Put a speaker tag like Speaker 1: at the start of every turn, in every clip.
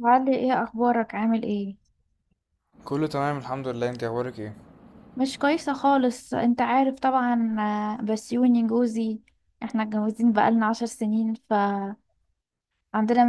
Speaker 1: وعلي، ايه اخبارك؟ عامل ايه؟
Speaker 2: كله تمام، الحمد لله. انت اخبارك ايه؟
Speaker 1: مش كويسه خالص، انت عارف طبعا. بسيوني جوزي. احنا اتجوزين بقالنا 10 سنين، فعندنا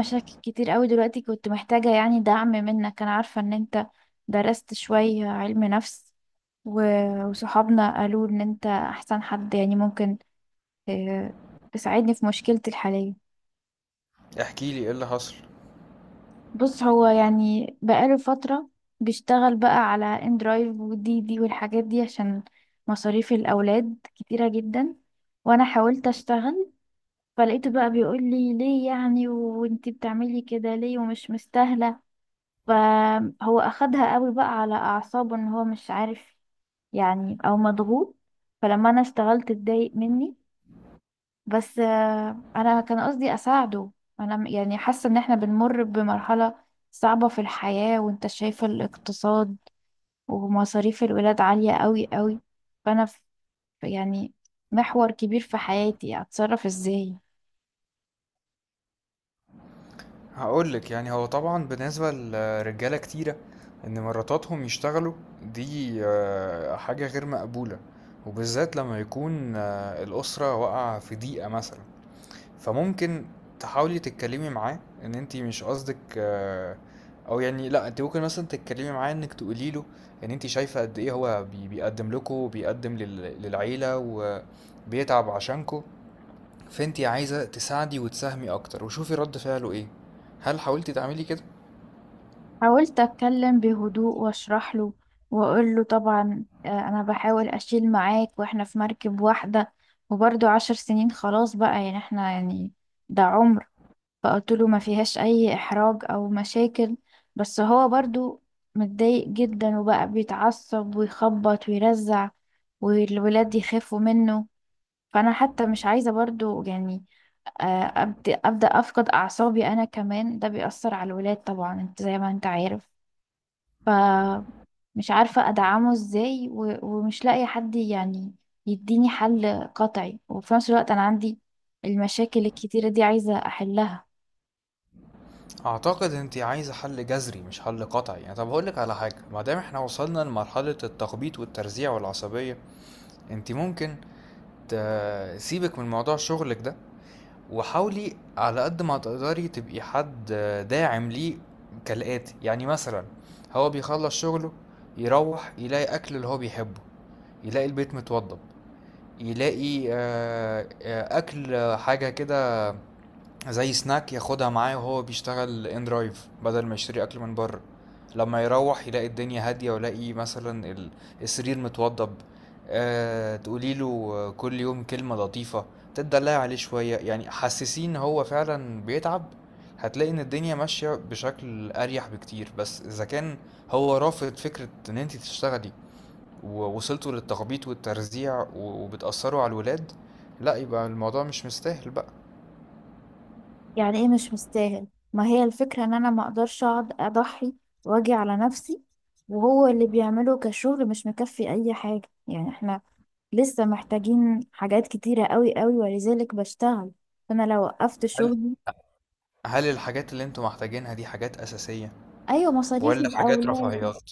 Speaker 1: مشاكل كتير قوي دلوقتي. كنت محتاجه يعني دعم منك. انا عارفه ان انت درست شويه علم نفس، وصحابنا قالوا ان انت احسن حد يعني ممكن آه، تساعدني في مشكلتي الحاليه.
Speaker 2: احكي لي، ايه اللي حصل؟
Speaker 1: بص، هو يعني بقاله فترة بيشتغل بقى على اندرايف ودي دي والحاجات دي، عشان مصاريف الأولاد كتيرة جدا. وأنا حاولت أشتغل، فلقيته بقى بيقول لي ليه يعني، وانتي بتعملي كده ليه، ومش مستاهلة. فهو أخدها قوي بقى على أعصابه، إن هو مش عارف يعني، أو مضغوط. فلما أنا اشتغلت اتضايق مني. بس انا كان قصدي اساعده. انا يعني حاسه ان احنا بنمر بمرحله صعبه في الحياه، وانت شايفه الاقتصاد ومصاريف الولاد عاليه قوي قوي. فانا في يعني محور كبير في حياتي، اتصرف ازاي؟
Speaker 2: هقول لك، يعني هو طبعا بالنسبه لرجاله كتيره ان مراتاتهم يشتغلوا دي حاجه غير مقبوله. وبالذات لما يكون الاسره واقعه في ضيقه مثلا. فممكن تحاولي تتكلمي معاه ان انت مش قصدك او يعني لا، انت ممكن مثلا تتكلمي معاه انك تقولي له ان انت شايفه قد ايه هو بيقدم لكم، بيقدم للعيله وبيتعب عشانكم. فانتي عايزة تساعدي وتساهمي اكتر، وشوفي رد فعله ايه. هل حاولتي تعملي كده؟
Speaker 1: حاولت اتكلم بهدوء واشرح له، واقول له طبعا انا بحاول اشيل معاك، واحنا في مركب واحده، وبرضه 10 سنين خلاص بقى، يعني احنا يعني ده عمر. فقلت له ما فيهاش اي احراج او مشاكل. بس هو برضو متضايق جدا، وبقى بيتعصب ويخبط ويرزع، والولاد يخافوا منه. فانا حتى مش عايزة برضو يعني ابدا افقد اعصابي انا كمان، ده بيأثر على الولاد طبعا، انت زي ما انت عارف. ف مش عارفة أدعمه إزاي، ومش لاقية حد يعني يديني حل قطعي. وفي نفس الوقت أنا عندي المشاكل الكتيرة دي عايزة أحلها.
Speaker 2: اعتقد انتي عايزة حل جذري مش حل قطعي. يعني طب هقولك على حاجة، ما دام احنا وصلنا لمرحلة التخبيط والترزيع والعصبية، انتي ممكن تسيبك من موضوع شغلك ده، وحاولي على قد ما تقدري تبقي حد داعم ليه، كالآتي. يعني مثلا هو بيخلص شغله، يروح يلاقي اكل اللي هو بيحبه، يلاقي البيت متوضب، يلاقي اكل، حاجه كده زي سناك ياخدها معاه وهو بيشتغل ان درايف، بدل ما يشتري اكل من بره. لما يروح يلاقي الدنيا هاديه، ويلاقي مثلا السرير متوضب. أه، تقولي له كل يوم كلمه لطيفه، تدلعي عليه شويه، يعني حسسين ان هو فعلا بيتعب. هتلاقي ان الدنيا ماشيه بشكل اريح بكتير. بس اذا كان هو رافض فكره ان انت تشتغلي، ووصلتوا للتخبيط والترزيع وبتأثروا على الولاد، لا، يبقى الموضوع مش مستاهل بقى.
Speaker 1: يعني ايه مش مستاهل؟ ما هي الفكرة ان انا ما اقدرش اقعد اضحي واجي على نفسي، وهو اللي بيعمله كشغل مش مكفي اي حاجة. يعني احنا لسه محتاجين حاجات كتيرة قوي قوي، ولذلك بشتغل. فانا لو وقفت
Speaker 2: هل
Speaker 1: شغلي.
Speaker 2: هل الحاجات اللي انتوا محتاجينها دي حاجات أساسية،
Speaker 1: ايوه، مصاريف
Speaker 2: ولا حاجات
Speaker 1: الاولاد.
Speaker 2: رفاهيات؟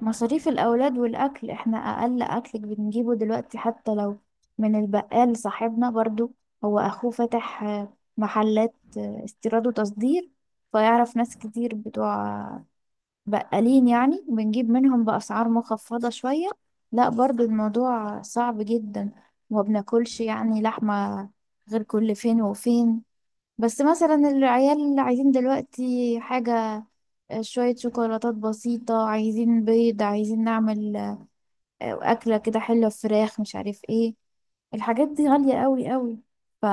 Speaker 1: مصاريف الاولاد والاكل. احنا اقل اكل بنجيبه دلوقتي، حتى لو من البقال صاحبنا برضو. هو اخوه فاتح محلات استيراد وتصدير، فيعرف ناس كتير بتوع بقالين، يعني بنجيب منهم بأسعار مخفضة شوية. لا، برضو الموضوع صعب جدا. وما بناكلش يعني لحمة غير كل فين وفين. بس مثلا العيال اللي عايزين دلوقتي حاجة، شوية شوكولاتات بسيطة، عايزين بيض، عايزين نعمل أكلة كده حلوة، فراخ، مش عارف ايه. الحاجات دي غالية قوي قوي. ف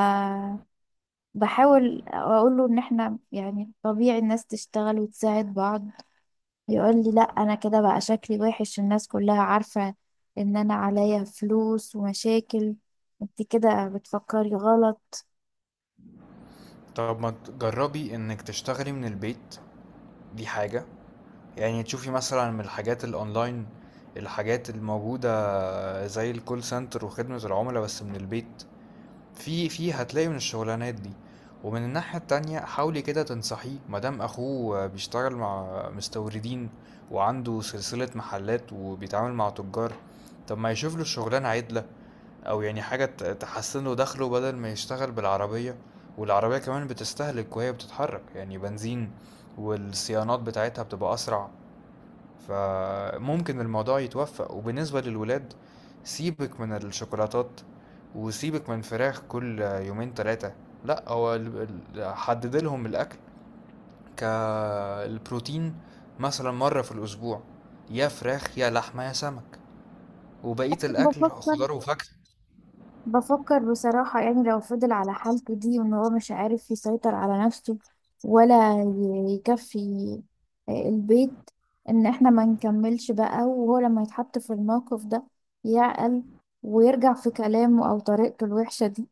Speaker 1: بحاول اقول له ان احنا يعني طبيعي الناس تشتغل وتساعد بعض. يقول لي لا، انا كده بقى شكلي وحش، الناس كلها عارفة ان انا عليا فلوس ومشاكل. انت كده بتفكري غلط.
Speaker 2: طب ما تجربي انك تشتغلي من البيت، دي حاجة. يعني تشوفي مثلا من الحاجات الاونلاين، الحاجات الموجودة زي الكول سنتر وخدمة العملاء بس من البيت. في هتلاقي من الشغلانات دي. ومن الناحية التانية، حاولي كده تنصحيه، مادام أخوه بيشتغل مع مستوردين وعنده سلسلة محلات وبيتعامل مع تجار، طب ما يشوف له شغلانة عدلة، أو يعني حاجة تحسن له دخله، بدل ما يشتغل بالعربية. والعربية كمان بتستهلك وهي بتتحرك، يعني بنزين، والصيانات بتاعتها بتبقى أسرع. فممكن الموضوع يتوفق. وبالنسبة للولاد، سيبك من الشوكولاتات، وسيبك من فراخ كل يومين ثلاثة. لا، هو حدد لهم الأكل، كالبروتين مثلا مرة في الأسبوع، يا فراخ يا لحمة يا سمك، وبقية الأكل
Speaker 1: بفكر
Speaker 2: خضار وفاكهة.
Speaker 1: بفكر بصراحة يعني، لو فضل على حالته دي، وان هو مش عارف يسيطر على نفسه ولا يكفي البيت، ان احنا ما نكملش بقى. وهو لما يتحط في الموقف ده يعقل ويرجع في كلامه او طريقته الوحشة دي.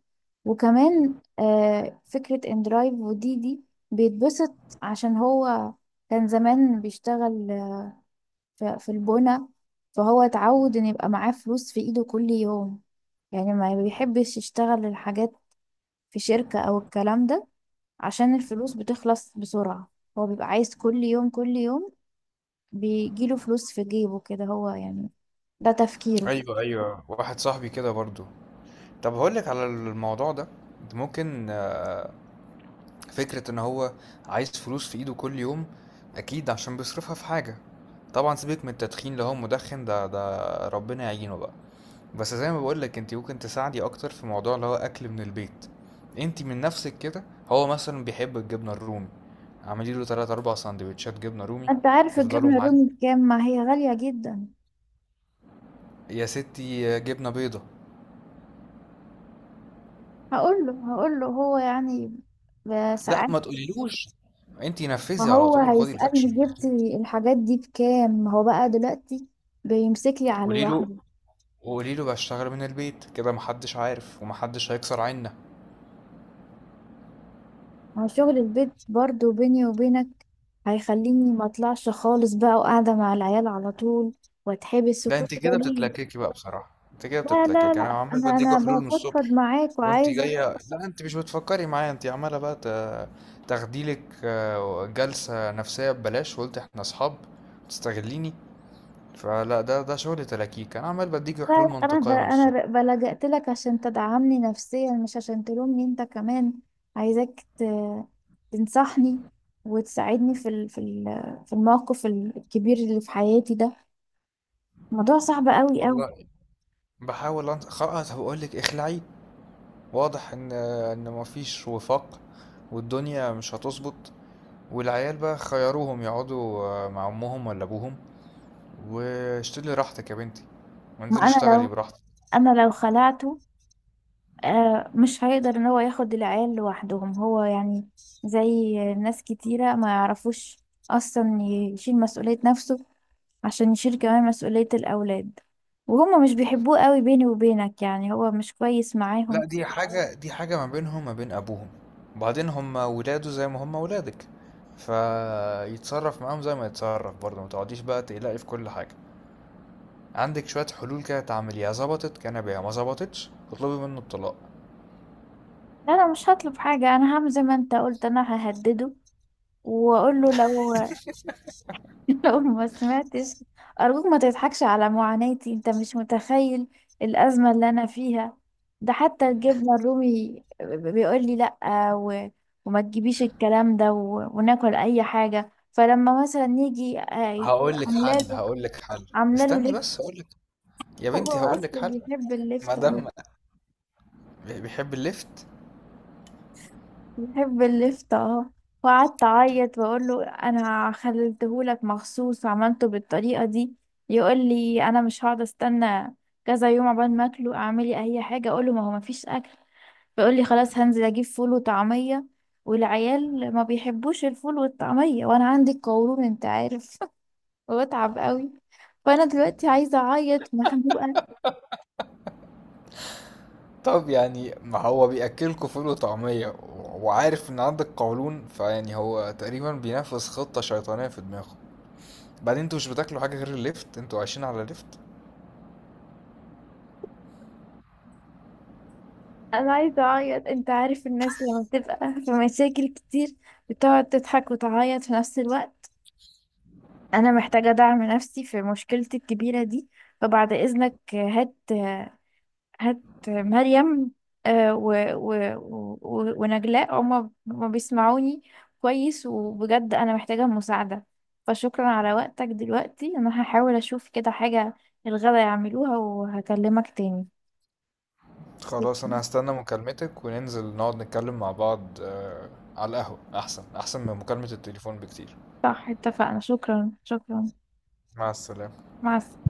Speaker 1: وكمان فكرة ان درايف ودي دي بيتبسط، عشان هو كان زمان بيشتغل في البنا، فهو اتعود ان يبقى معاه فلوس في ايده كل يوم. يعني ما بيحبش يشتغل الحاجات في شركة أو الكلام ده، عشان الفلوس بتخلص بسرعة. هو بيبقى عايز كل يوم كل يوم بيجيله فلوس في جيبه كده، هو يعني ده تفكيره.
Speaker 2: أيوة أيوة، واحد صاحبي كده برضو. طب هقولك على الموضوع ده، ممكن. فكرة إن هو عايز فلوس في إيده كل يوم، أكيد عشان بيصرفها في حاجة. طبعا سيبك من التدخين، لو هو مدخن ده ربنا يعينه بقى. بس زي ما بقولك، انت ممكن تساعدي أكتر في موضوع اللي هو أكل من البيت. انت من نفسك كده، هو مثلا بيحب الجبنة الرومي، اعملي له تلات أربع سندوتشات جبنة رومي
Speaker 1: انت عارف
Speaker 2: يفضلوا
Speaker 1: الجبنة
Speaker 2: معاه.
Speaker 1: الرومي بكام؟ ما هي غالية جدا.
Speaker 2: يا ستي جبنة بيضة.
Speaker 1: هقوله هقوله هو يعني
Speaker 2: لا،
Speaker 1: ساعات.
Speaker 2: ما تقوليلوش، انت نفذي
Speaker 1: ما
Speaker 2: على
Speaker 1: هو
Speaker 2: طول، خدي الأكشن.
Speaker 1: هيسألني جبتي الحاجات دي بكام، ما هو بقى دلوقتي بيمسك لي على
Speaker 2: قولي له،
Speaker 1: الواحد.
Speaker 2: وقولي له بشتغل من البيت كده، محدش عارف ومحدش هيكسر عنا.
Speaker 1: مع شغل البيت برضو، بيني وبينك، هيخليني ما اطلعش خالص بقى، وقاعدة مع العيال على طول واتحبس،
Speaker 2: لا،
Speaker 1: وكل
Speaker 2: انت
Speaker 1: ده
Speaker 2: كده
Speaker 1: ليه؟
Speaker 2: بتتلككي بقى بصراحة، انت كده
Speaker 1: لا لا
Speaker 2: بتتلككي. انا
Speaker 1: لا،
Speaker 2: عمال
Speaker 1: انا
Speaker 2: بديكوا
Speaker 1: انا
Speaker 2: حلول من الصبح
Speaker 1: بفضفض معاك
Speaker 2: وانت
Speaker 1: وعايزة.
Speaker 2: جاية. لا، انت مش بتفكري معايا، انت عمالة بقى تاخديلك جلسة نفسية ببلاش، وقلت احنا اصحاب تستغليني. فلا، ده شغل تلاكيك. انا عمال بديكي
Speaker 1: لا
Speaker 2: حلول
Speaker 1: لا، انا ب...
Speaker 2: منطقية من
Speaker 1: انا
Speaker 2: الصبح.
Speaker 1: ب- بلجأت لك عشان تدعمني نفسيا، مش عشان تلومني انت كمان. عايزاك تنصحني وتساعدني في الموقف الكبير اللي في حياتي ده. موضوع صعب قوي قوي.
Speaker 2: والله بحاول خلاص، هقول لك اخلعي. واضح ان مفيش وفاق، والدنيا مش هتظبط. والعيال بقى خيروهم يقعدوا مع امهم ولا ابوهم. واشتغلي راحتك يا بنتي،
Speaker 1: ما
Speaker 2: وانزلي
Speaker 1: انا
Speaker 2: اشتغلي
Speaker 1: لو
Speaker 2: براحتك.
Speaker 1: انا لو خلعته، آه، مش هيقدر ان هو ياخد العيال لوحدهم. هو يعني زي ناس كتيرة ما يعرفوش اصلا يشيل مسؤولية نفسه عشان يشيل كمان مسؤولية الاولاد. وهما مش بيحبوه قوي بيني وبينك، يعني هو مش كويس
Speaker 2: لا،
Speaker 1: معاهم.
Speaker 2: دي حاجة، دي حاجة ما بينهم وما بين أبوهم. وبعدين هم ولاده زي ما هم ولادك، فيتصرف معاهم زي ما يتصرف برضه. ما تقعديش بقى تقلقي في كل حاجة. عندك شوية حلول كده تعمليها، ظبطت كان بيها، ما ظبطتش اطلبي منه الطلاق.
Speaker 1: لا، انا مش هطلب حاجة. انا هعمل زي ما انت قلت، انا ههدده، واقول له لو لو ما سمعتش. أرجوك ما تضحكش على معاناتي، أنت مش متخيل الأزمة اللي أنا فيها. ده حتى الجبنة الرومي بيقول لي لأ، و... وما تجيبيش الكلام ده، وناكل أي حاجة. فلما مثلا نيجي،
Speaker 2: هقول لك حل،
Speaker 1: عاملاله
Speaker 2: هقول لك حل.
Speaker 1: عاملاله
Speaker 2: استني
Speaker 1: لفت
Speaker 2: بس هقول لك، يا
Speaker 1: هو
Speaker 2: بنتي هقول لك
Speaker 1: أصله
Speaker 2: حل.
Speaker 1: بيحب
Speaker 2: ما
Speaker 1: اللفت.
Speaker 2: دام بيحب الليفت.
Speaker 1: يحب اللفت، اه. وقعدت اعيط واقول له انا خليتهولك مخصوص وعملته بالطريقه دي. يقول لي انا مش هقعد استنى كذا يوم عقبال ما اكله. اعملي اي حاجه، اقول له ما هو ما فيش اكل. بيقول لي خلاص هنزل اجيب فول وطعميه، والعيال ما بيحبوش الفول والطعميه، وانا عندي القولون انت عارف وبتعب قوي. فانا دلوقتي عايزه اعيط مخنوقه.
Speaker 2: طب يعني ما هو بياكلكوا فول وطعميه وعارف ان عندك قولون، فيعني هو تقريبا بينفذ خطه شيطانيه في دماغه. بعدين انتوا مش بتاكلوا حاجه غير الليفت، انتوا عايشين على الليفت.
Speaker 1: انا عايزه اعيط. انت عارف الناس لما بتبقى في مشاكل كتير بتقعد تضحك وتعيط في نفس الوقت. انا محتاجة دعم نفسي في مشكلتي الكبيرة دي. فبعد اذنك، هات هات مريم ونجلاء، هما هما بيسمعوني كويس. وبجد انا محتاجة مساعدة. فشكرا على وقتك. دلوقتي انا هحاول اشوف كده حاجة الغدا يعملوها، وهكلمك تاني.
Speaker 2: خلاص، انا
Speaker 1: شكراً.
Speaker 2: هستنى مكالمتك، وننزل نقعد نتكلم مع بعض على القهوه، احسن احسن من مكالمه التليفون بكتير.
Speaker 1: صح، اتفقنا. شكرا شكرا.
Speaker 2: مع السلامه.
Speaker 1: مع السلامة.